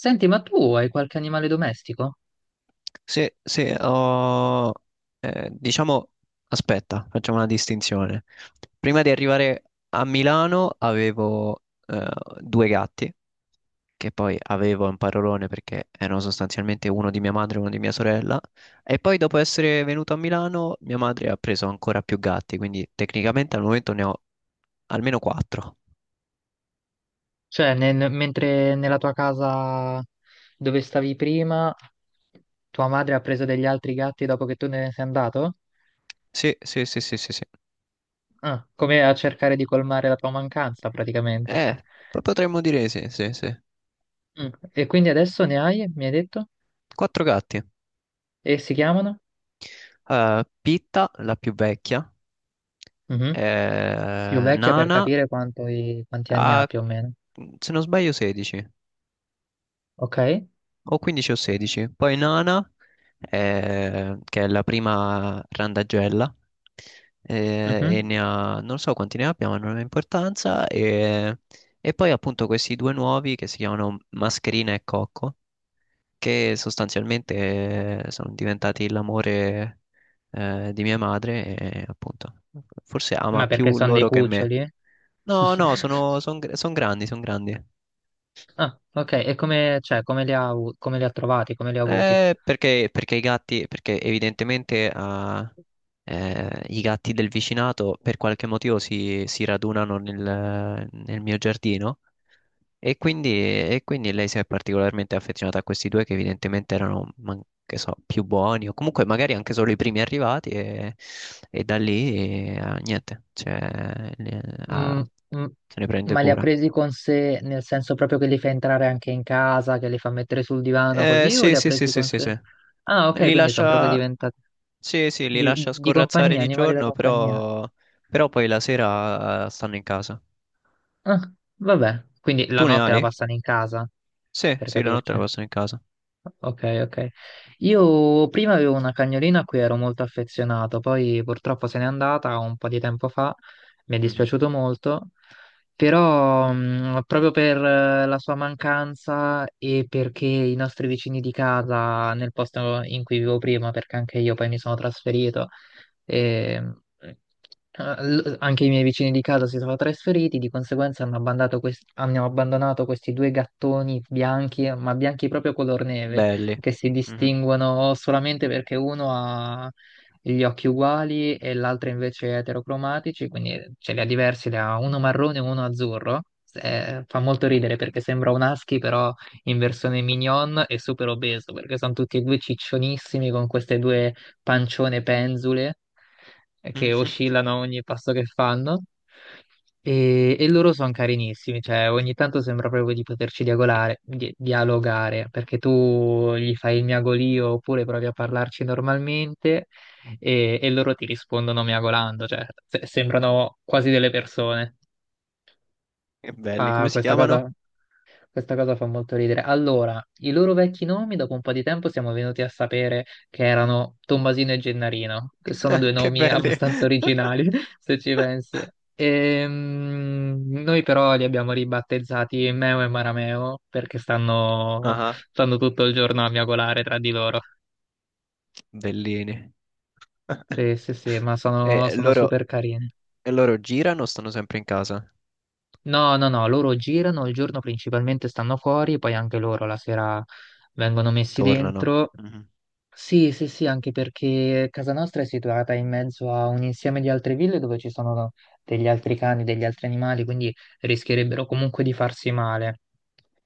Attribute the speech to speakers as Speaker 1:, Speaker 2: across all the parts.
Speaker 1: Senti, ma tu hai qualche animale domestico?
Speaker 2: Sì, sì, eh, diciamo, aspetta, facciamo una distinzione. Prima di arrivare a Milano avevo due gatti, che poi avevo un parolone perché erano sostanzialmente uno di mia madre e uno di mia sorella, e poi dopo essere venuto a Milano mia madre ha preso ancora più gatti, quindi tecnicamente al momento ne ho almeno quattro.
Speaker 1: Cioè, mentre nella tua casa dove stavi prima, tua madre ha preso degli altri gatti dopo che tu ne sei andato?
Speaker 2: Sì, sì, sì, sì, sì, sì.
Speaker 1: Ah, come a cercare di colmare la tua mancanza, praticamente.
Speaker 2: Eh, Potremmo dire sì, sì, sì.
Speaker 1: Mm. E quindi adesso ne hai, mi hai detto?
Speaker 2: Quattro gatti.
Speaker 1: E si chiamano?
Speaker 2: Pitta, la più vecchia,
Speaker 1: Mhm. Più vecchia per
Speaker 2: Nana
Speaker 1: capire quanto quanti anni ha
Speaker 2: ha,
Speaker 1: più o meno.
Speaker 2: se non sbaglio, 16
Speaker 1: Ok?
Speaker 2: o 15 o 16. Poi Nana, che è la prima randagella, e
Speaker 1: Mhm.
Speaker 2: ne ha, non so quanti ne abbia, ma non ha importanza. E poi appunto questi due nuovi che si chiamano Mascherina e Cocco, che sostanzialmente sono diventati l'amore di mia madre e appunto forse ama
Speaker 1: Ma perché
Speaker 2: più
Speaker 1: sono dei
Speaker 2: loro che me.
Speaker 1: cuccioli? eh?
Speaker 2: No, no, sono, son grandi, sono grandi.
Speaker 1: Ah, ok. E come, cioè, come li ha, come li ha trovati? Come li ha avuti?
Speaker 2: Perché i gatti, perché evidentemente i gatti del vicinato per qualche motivo si radunano nel mio giardino. E quindi lei si è particolarmente affezionata a questi due che evidentemente che so, più buoni o comunque magari anche solo i primi arrivati e da lì niente, cioè, ah,
Speaker 1: Mm, mm.
Speaker 2: se ne prende
Speaker 1: Ma li ha
Speaker 2: cura.
Speaker 1: presi con sé nel senso proprio che li fa entrare anche in casa, che li fa mettere sul divano così, o
Speaker 2: Sì,
Speaker 1: li ha
Speaker 2: sì, sì,
Speaker 1: presi
Speaker 2: sì,
Speaker 1: con
Speaker 2: sì,
Speaker 1: sé?
Speaker 2: sì.
Speaker 1: Ah, ok,
Speaker 2: Li
Speaker 1: quindi sono proprio
Speaker 2: lascia,
Speaker 1: diventati
Speaker 2: sì, sì, li lascia
Speaker 1: di
Speaker 2: scorrazzare
Speaker 1: compagnia,
Speaker 2: di
Speaker 1: animali da
Speaker 2: giorno,
Speaker 1: compagnia.
Speaker 2: però, però poi la sera stanno in casa.
Speaker 1: Ah, vabbè, quindi la
Speaker 2: Tu ne
Speaker 1: notte la
Speaker 2: hai?
Speaker 1: passano in casa,
Speaker 2: Sì,
Speaker 1: per
Speaker 2: sì, la notte la
Speaker 1: capirci.
Speaker 2: passano in casa.
Speaker 1: Ok, ok. Io prima avevo una cagnolina a cui ero molto affezionato, poi purtroppo se n'è andata un po' di tempo fa, mi è
Speaker 2: Mhm.
Speaker 1: dispiaciuto molto, però proprio per la sua mancanza e perché i nostri vicini di casa nel posto in cui vivo prima, perché anche io poi mi sono trasferito, e, anche i miei vicini di casa si sono trasferiti, di conseguenza hanno abbandonato questi due gattoni bianchi, ma bianchi proprio color neve,
Speaker 2: Belli.
Speaker 1: che si
Speaker 2: Mhm.
Speaker 1: distinguono solamente perché uno ha gli occhi uguali e l'altro invece è eterocromatici, quindi ce li ha diversi, ne ha uno marrone e uno azzurro. Fa molto ridere perché sembra un husky, però in versione mignon e super obeso, perché sono tutti e due ciccionissimi con queste due pancione penzule che oscillano a ogni passo che fanno. E loro sono carinissimi, cioè ogni tanto sembra proprio di poterci dialogare, dialogare, perché tu gli fai il miagolio oppure provi a parlarci normalmente e loro ti rispondono miagolando, cioè sembrano quasi delle persone.
Speaker 2: Che belli,
Speaker 1: Fa
Speaker 2: come si chiamano?
Speaker 1: questa cosa fa molto ridere. Allora, i loro vecchi nomi dopo un po' di tempo siamo venuti a sapere che erano Tommasino e Gennarino, che sono due
Speaker 2: Che
Speaker 1: nomi
Speaker 2: belli.
Speaker 1: abbastanza originali, se ci pensi. Noi però li abbiamo ribattezzati Meo e Marameo perché stanno,
Speaker 2: Ah,
Speaker 1: stanno tutto il giorno a miagolare tra di loro.
Speaker 2: bellini.
Speaker 1: Sì, sì, sì, ma
Speaker 2: E
Speaker 1: sono, sono
Speaker 2: loro,
Speaker 1: super carini.
Speaker 2: e loro girano o stanno sempre in casa?
Speaker 1: No, no, no, loro girano, il giorno principalmente stanno fuori, poi anche loro la sera vengono messi
Speaker 2: Tornano.
Speaker 1: dentro.
Speaker 2: Mhm.
Speaker 1: Sì, sì, sì, anche perché casa nostra è situata in mezzo a un insieme di altre ville dove ci sono degli altri cani, degli altri animali, quindi rischierebbero comunque di farsi male.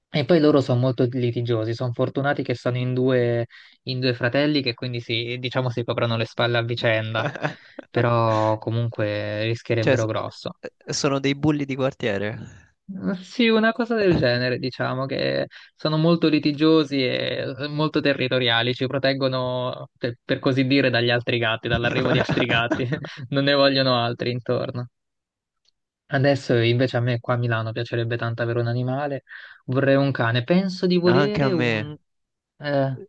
Speaker 1: E poi loro sono molto litigiosi, sono fortunati che sono in due fratelli che quindi si, diciamo, si coprono le spalle a vicenda, però comunque
Speaker 2: Cioè,
Speaker 1: rischierebbero
Speaker 2: s-
Speaker 1: grosso.
Speaker 2: Sono dei bulli di quartiere.
Speaker 1: Sì, una cosa del genere, diciamo che sono molto litigiosi e molto territoriali, ci proteggono, per così dire, dagli altri gatti, dall'arrivo di altri gatti, non ne vogliono altri intorno. Adesso invece a me qua a Milano piacerebbe tanto avere un animale, vorrei un cane, penso di
Speaker 2: Anche a
Speaker 1: volere
Speaker 2: me.
Speaker 1: un... eh,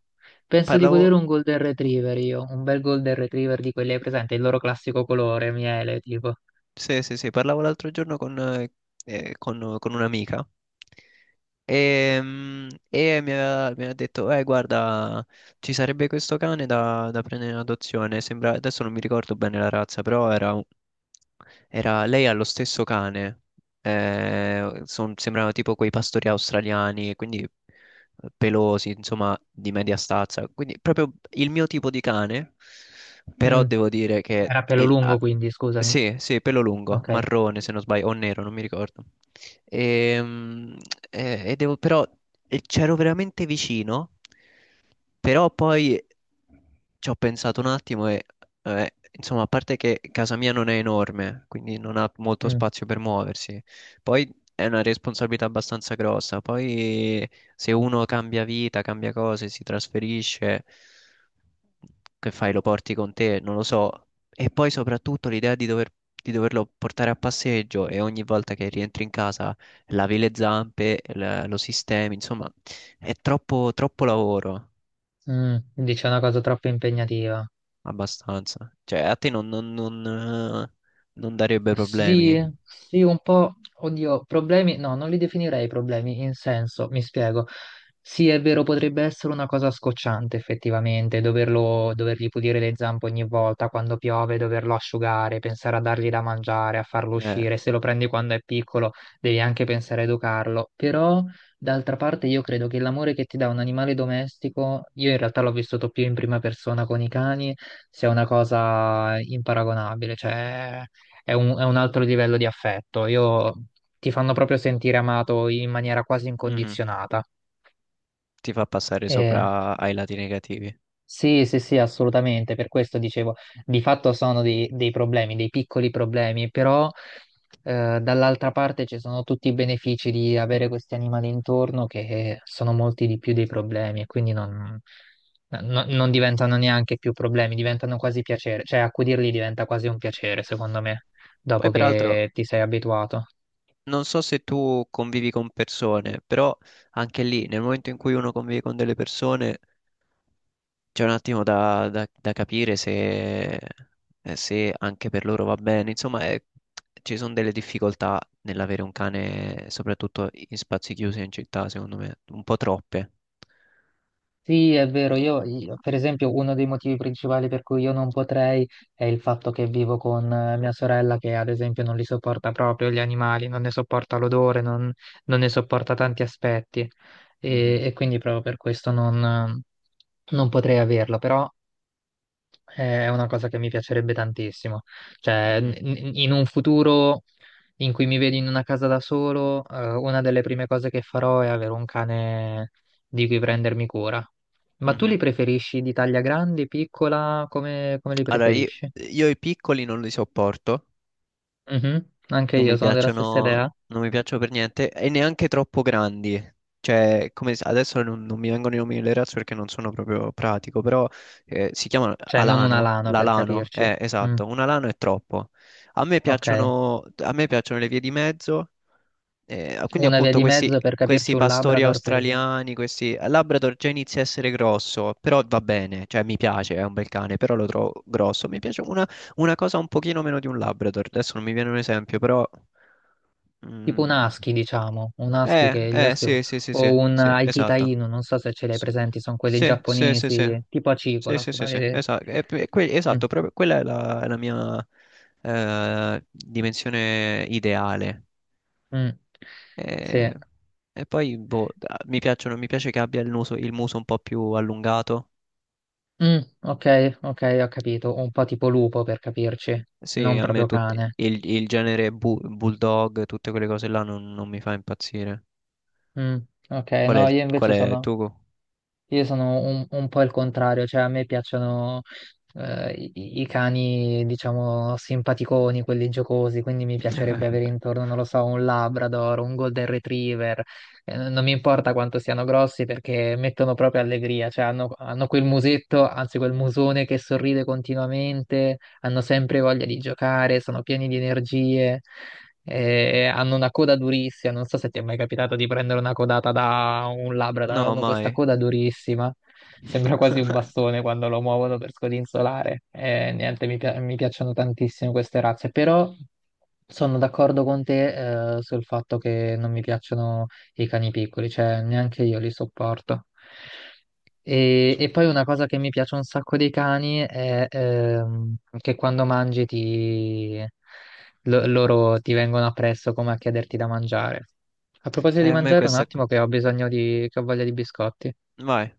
Speaker 1: penso di
Speaker 2: Parlavo.
Speaker 1: volere un Golden Retriever io, un bel Golden Retriever di quelli, hai presente, il loro classico colore, miele, tipo.
Speaker 2: Sì, sì, sì, parlavo l'altro giorno con, con un'amica e, e mi ha detto, guarda, ci sarebbe questo cane da, da prendere in adozione, sembra, adesso non mi ricordo bene la razza, però lei ha lo stesso cane, sembrano tipo quei pastori australiani, quindi pelosi, insomma, di media stazza. Quindi proprio il mio tipo di cane, però
Speaker 1: Mm,
Speaker 2: devo dire che
Speaker 1: era pelo lungo quindi, scusami.
Speaker 2: sì, sì, pelo lungo,
Speaker 1: Ok.
Speaker 2: marrone se non sbaglio, o nero, non mi ricordo. Ehm, E, devo, però C'ero veramente vicino, però poi ci ho pensato un attimo e, insomma, a parte che casa mia non è enorme, quindi non ha molto
Speaker 1: Mm.
Speaker 2: spazio per muoversi, poi è una responsabilità abbastanza grossa. Poi se uno cambia vita, cambia cose, si trasferisce, che fai? Lo porti con te? Non lo so. E poi soprattutto l'idea di doverlo portare a passeggio e ogni volta che rientri in casa lavi le zampe, lo sistemi, insomma, è troppo, troppo lavoro.
Speaker 1: Mm, dici è una cosa troppo impegnativa.
Speaker 2: Abbastanza. Cioè, a te non, non- non, Non darebbe
Speaker 1: Sì,
Speaker 2: problemi.
Speaker 1: sì, un po', oddio, problemi, no, non li definirei problemi, in senso, mi spiego. Sì, è vero, potrebbe essere una cosa scocciante effettivamente, doverlo, dovergli pulire le zampe ogni volta quando piove, doverlo asciugare, pensare a dargli da mangiare, a farlo
Speaker 2: Eh,
Speaker 1: uscire. Se lo prendi quando è piccolo, devi anche pensare a educarlo. Però, d'altra parte, io credo che l'amore che ti dà un animale domestico, io in realtà l'ho vissuto più in prima persona con i cani, sia una cosa imparagonabile, cioè è un altro livello di affetto. Io, ti fanno proprio sentire amato in maniera quasi
Speaker 2: mhm.
Speaker 1: incondizionata.
Speaker 2: Ti fa passare
Speaker 1: Eh,
Speaker 2: sopra ai lati negativi.
Speaker 1: sì, sì, sì, assolutamente. Per questo dicevo, di fatto sono dei, dei problemi, dei piccoli problemi, però dall'altra parte ci sono tutti i benefici di avere questi animali intorno che sono molti di più dei problemi e quindi non, no, non diventano neanche più problemi, diventano quasi piacere. Cioè, accudirli diventa quasi un piacere, secondo me, dopo
Speaker 2: Poi, peraltro,
Speaker 1: che ti sei abituato.
Speaker 2: non so se tu convivi con persone, però anche lì, nel momento in cui uno convive con delle persone, c'è un attimo da capire se, se anche per loro va bene. Ci sono delle difficoltà nell'avere un cane, soprattutto in spazi chiusi in città, secondo me, un po' troppe.
Speaker 1: Sì, è vero, per esempio uno dei motivi principali per cui io non potrei è il fatto che vivo con mia sorella che ad esempio non li sopporta proprio gli animali, non ne sopporta l'odore, non, non ne sopporta tanti aspetti
Speaker 2: Mhm,
Speaker 1: e quindi proprio per questo non, non potrei averlo, però è una cosa che mi piacerebbe tantissimo. Cioè,
Speaker 2: mhm.
Speaker 1: in un futuro in cui mi vedi in una casa da solo, una delle prime cose che farò è avere un cane di cui prendermi cura. Ma tu li
Speaker 2: Mhm.
Speaker 1: preferisci di taglia grande, piccola? Come, come li
Speaker 2: Allora,
Speaker 1: preferisci?
Speaker 2: io i piccoli non li sopporto,
Speaker 1: Mhm, anche
Speaker 2: non
Speaker 1: io
Speaker 2: mi
Speaker 1: sono della stessa
Speaker 2: piacciono,
Speaker 1: idea.
Speaker 2: non mi piacciono per niente e neanche troppo grandi. Adesso non, non mi vengono i nomi delle razze perché non sono proprio pratico, però si chiamano
Speaker 1: Cioè, non una
Speaker 2: alano,
Speaker 1: lana per
Speaker 2: l'alano,
Speaker 1: capirci. Mm,
Speaker 2: esatto, un alano è troppo.
Speaker 1: ok.
Speaker 2: A me piacciono le vie di mezzo. Quindi
Speaker 1: Una via
Speaker 2: appunto
Speaker 1: di
Speaker 2: questi,
Speaker 1: mezzo per capirci
Speaker 2: questi
Speaker 1: un
Speaker 2: pastori
Speaker 1: Labrador, per esempio.
Speaker 2: australiani, questi, il Labrador già inizia a essere grosso, però va bene, cioè mi piace, è un bel cane, però lo trovo grosso. Mi piace una cosa un pochino meno di un Labrador, adesso non mi viene un esempio, però
Speaker 1: Tipo un
Speaker 2: mm,
Speaker 1: husky, diciamo, un husky che gli husky
Speaker 2: sì, sì, sì, sì,
Speaker 1: o un
Speaker 2: sì,
Speaker 1: Akita
Speaker 2: esatto.
Speaker 1: Inu, non so se ce li hai
Speaker 2: S-
Speaker 1: presenti, sono quelli
Speaker 2: Sì, sì, sì, sì.
Speaker 1: giapponesi, tipo
Speaker 2: Sì,
Speaker 1: acicola,
Speaker 2: sì,
Speaker 1: sono
Speaker 2: sì, sì,
Speaker 1: le-
Speaker 2: esatto,
Speaker 1: Mm,
Speaker 2: esatto, proprio quella è la mia dimensione ideale.
Speaker 1: mm, sì.
Speaker 2: E, e poi boh, mi piacciono, mi piace che abbia il muso un po' più allungato.
Speaker 1: Mm, ok, ok, ho capito. Un po' tipo lupo per capirci,
Speaker 2: Sì,
Speaker 1: non
Speaker 2: a me
Speaker 1: proprio
Speaker 2: tutti,
Speaker 1: cane.
Speaker 2: il genere bulldog, tutte quelle cose là non, non mi fa impazzire.
Speaker 1: Mm, ok, no, io
Speaker 2: Qual
Speaker 1: invece
Speaker 2: è
Speaker 1: sono.
Speaker 2: tu?
Speaker 1: Io sono un po' il contrario, cioè a me piacciono i, i cani, diciamo, simpaticoni, quelli giocosi, quindi mi piacerebbe avere intorno, non lo so, un Labrador, un Golden Retriever. Non mi importa quanto siano grossi perché mettono proprio allegria, cioè hanno, hanno quel musetto, anzi quel musone che sorride continuamente, hanno sempre voglia di giocare, sono pieni di energie, hanno una coda durissima. Non so se ti è mai capitato di prendere una codata da un Labrador,
Speaker 2: No,
Speaker 1: hanno questa
Speaker 2: mai.
Speaker 1: coda durissima. Sembra quasi un bastone quando lo muovono per scodinzolare. Niente, mi, mi piacciono tantissimo queste razze, però sono d'accordo con te, sul fatto che non mi piacciono i cani piccoli, cioè neanche io li sopporto. E
Speaker 2: Su-
Speaker 1: poi una cosa che mi piace un sacco dei cani è che quando mangi loro ti vengono appresso come a chiederti da mangiare. A proposito di
Speaker 2: A me
Speaker 1: mangiare, un
Speaker 2: questa...
Speaker 1: attimo che ho bisogno di... che ho voglia di biscotti.
Speaker 2: Vai.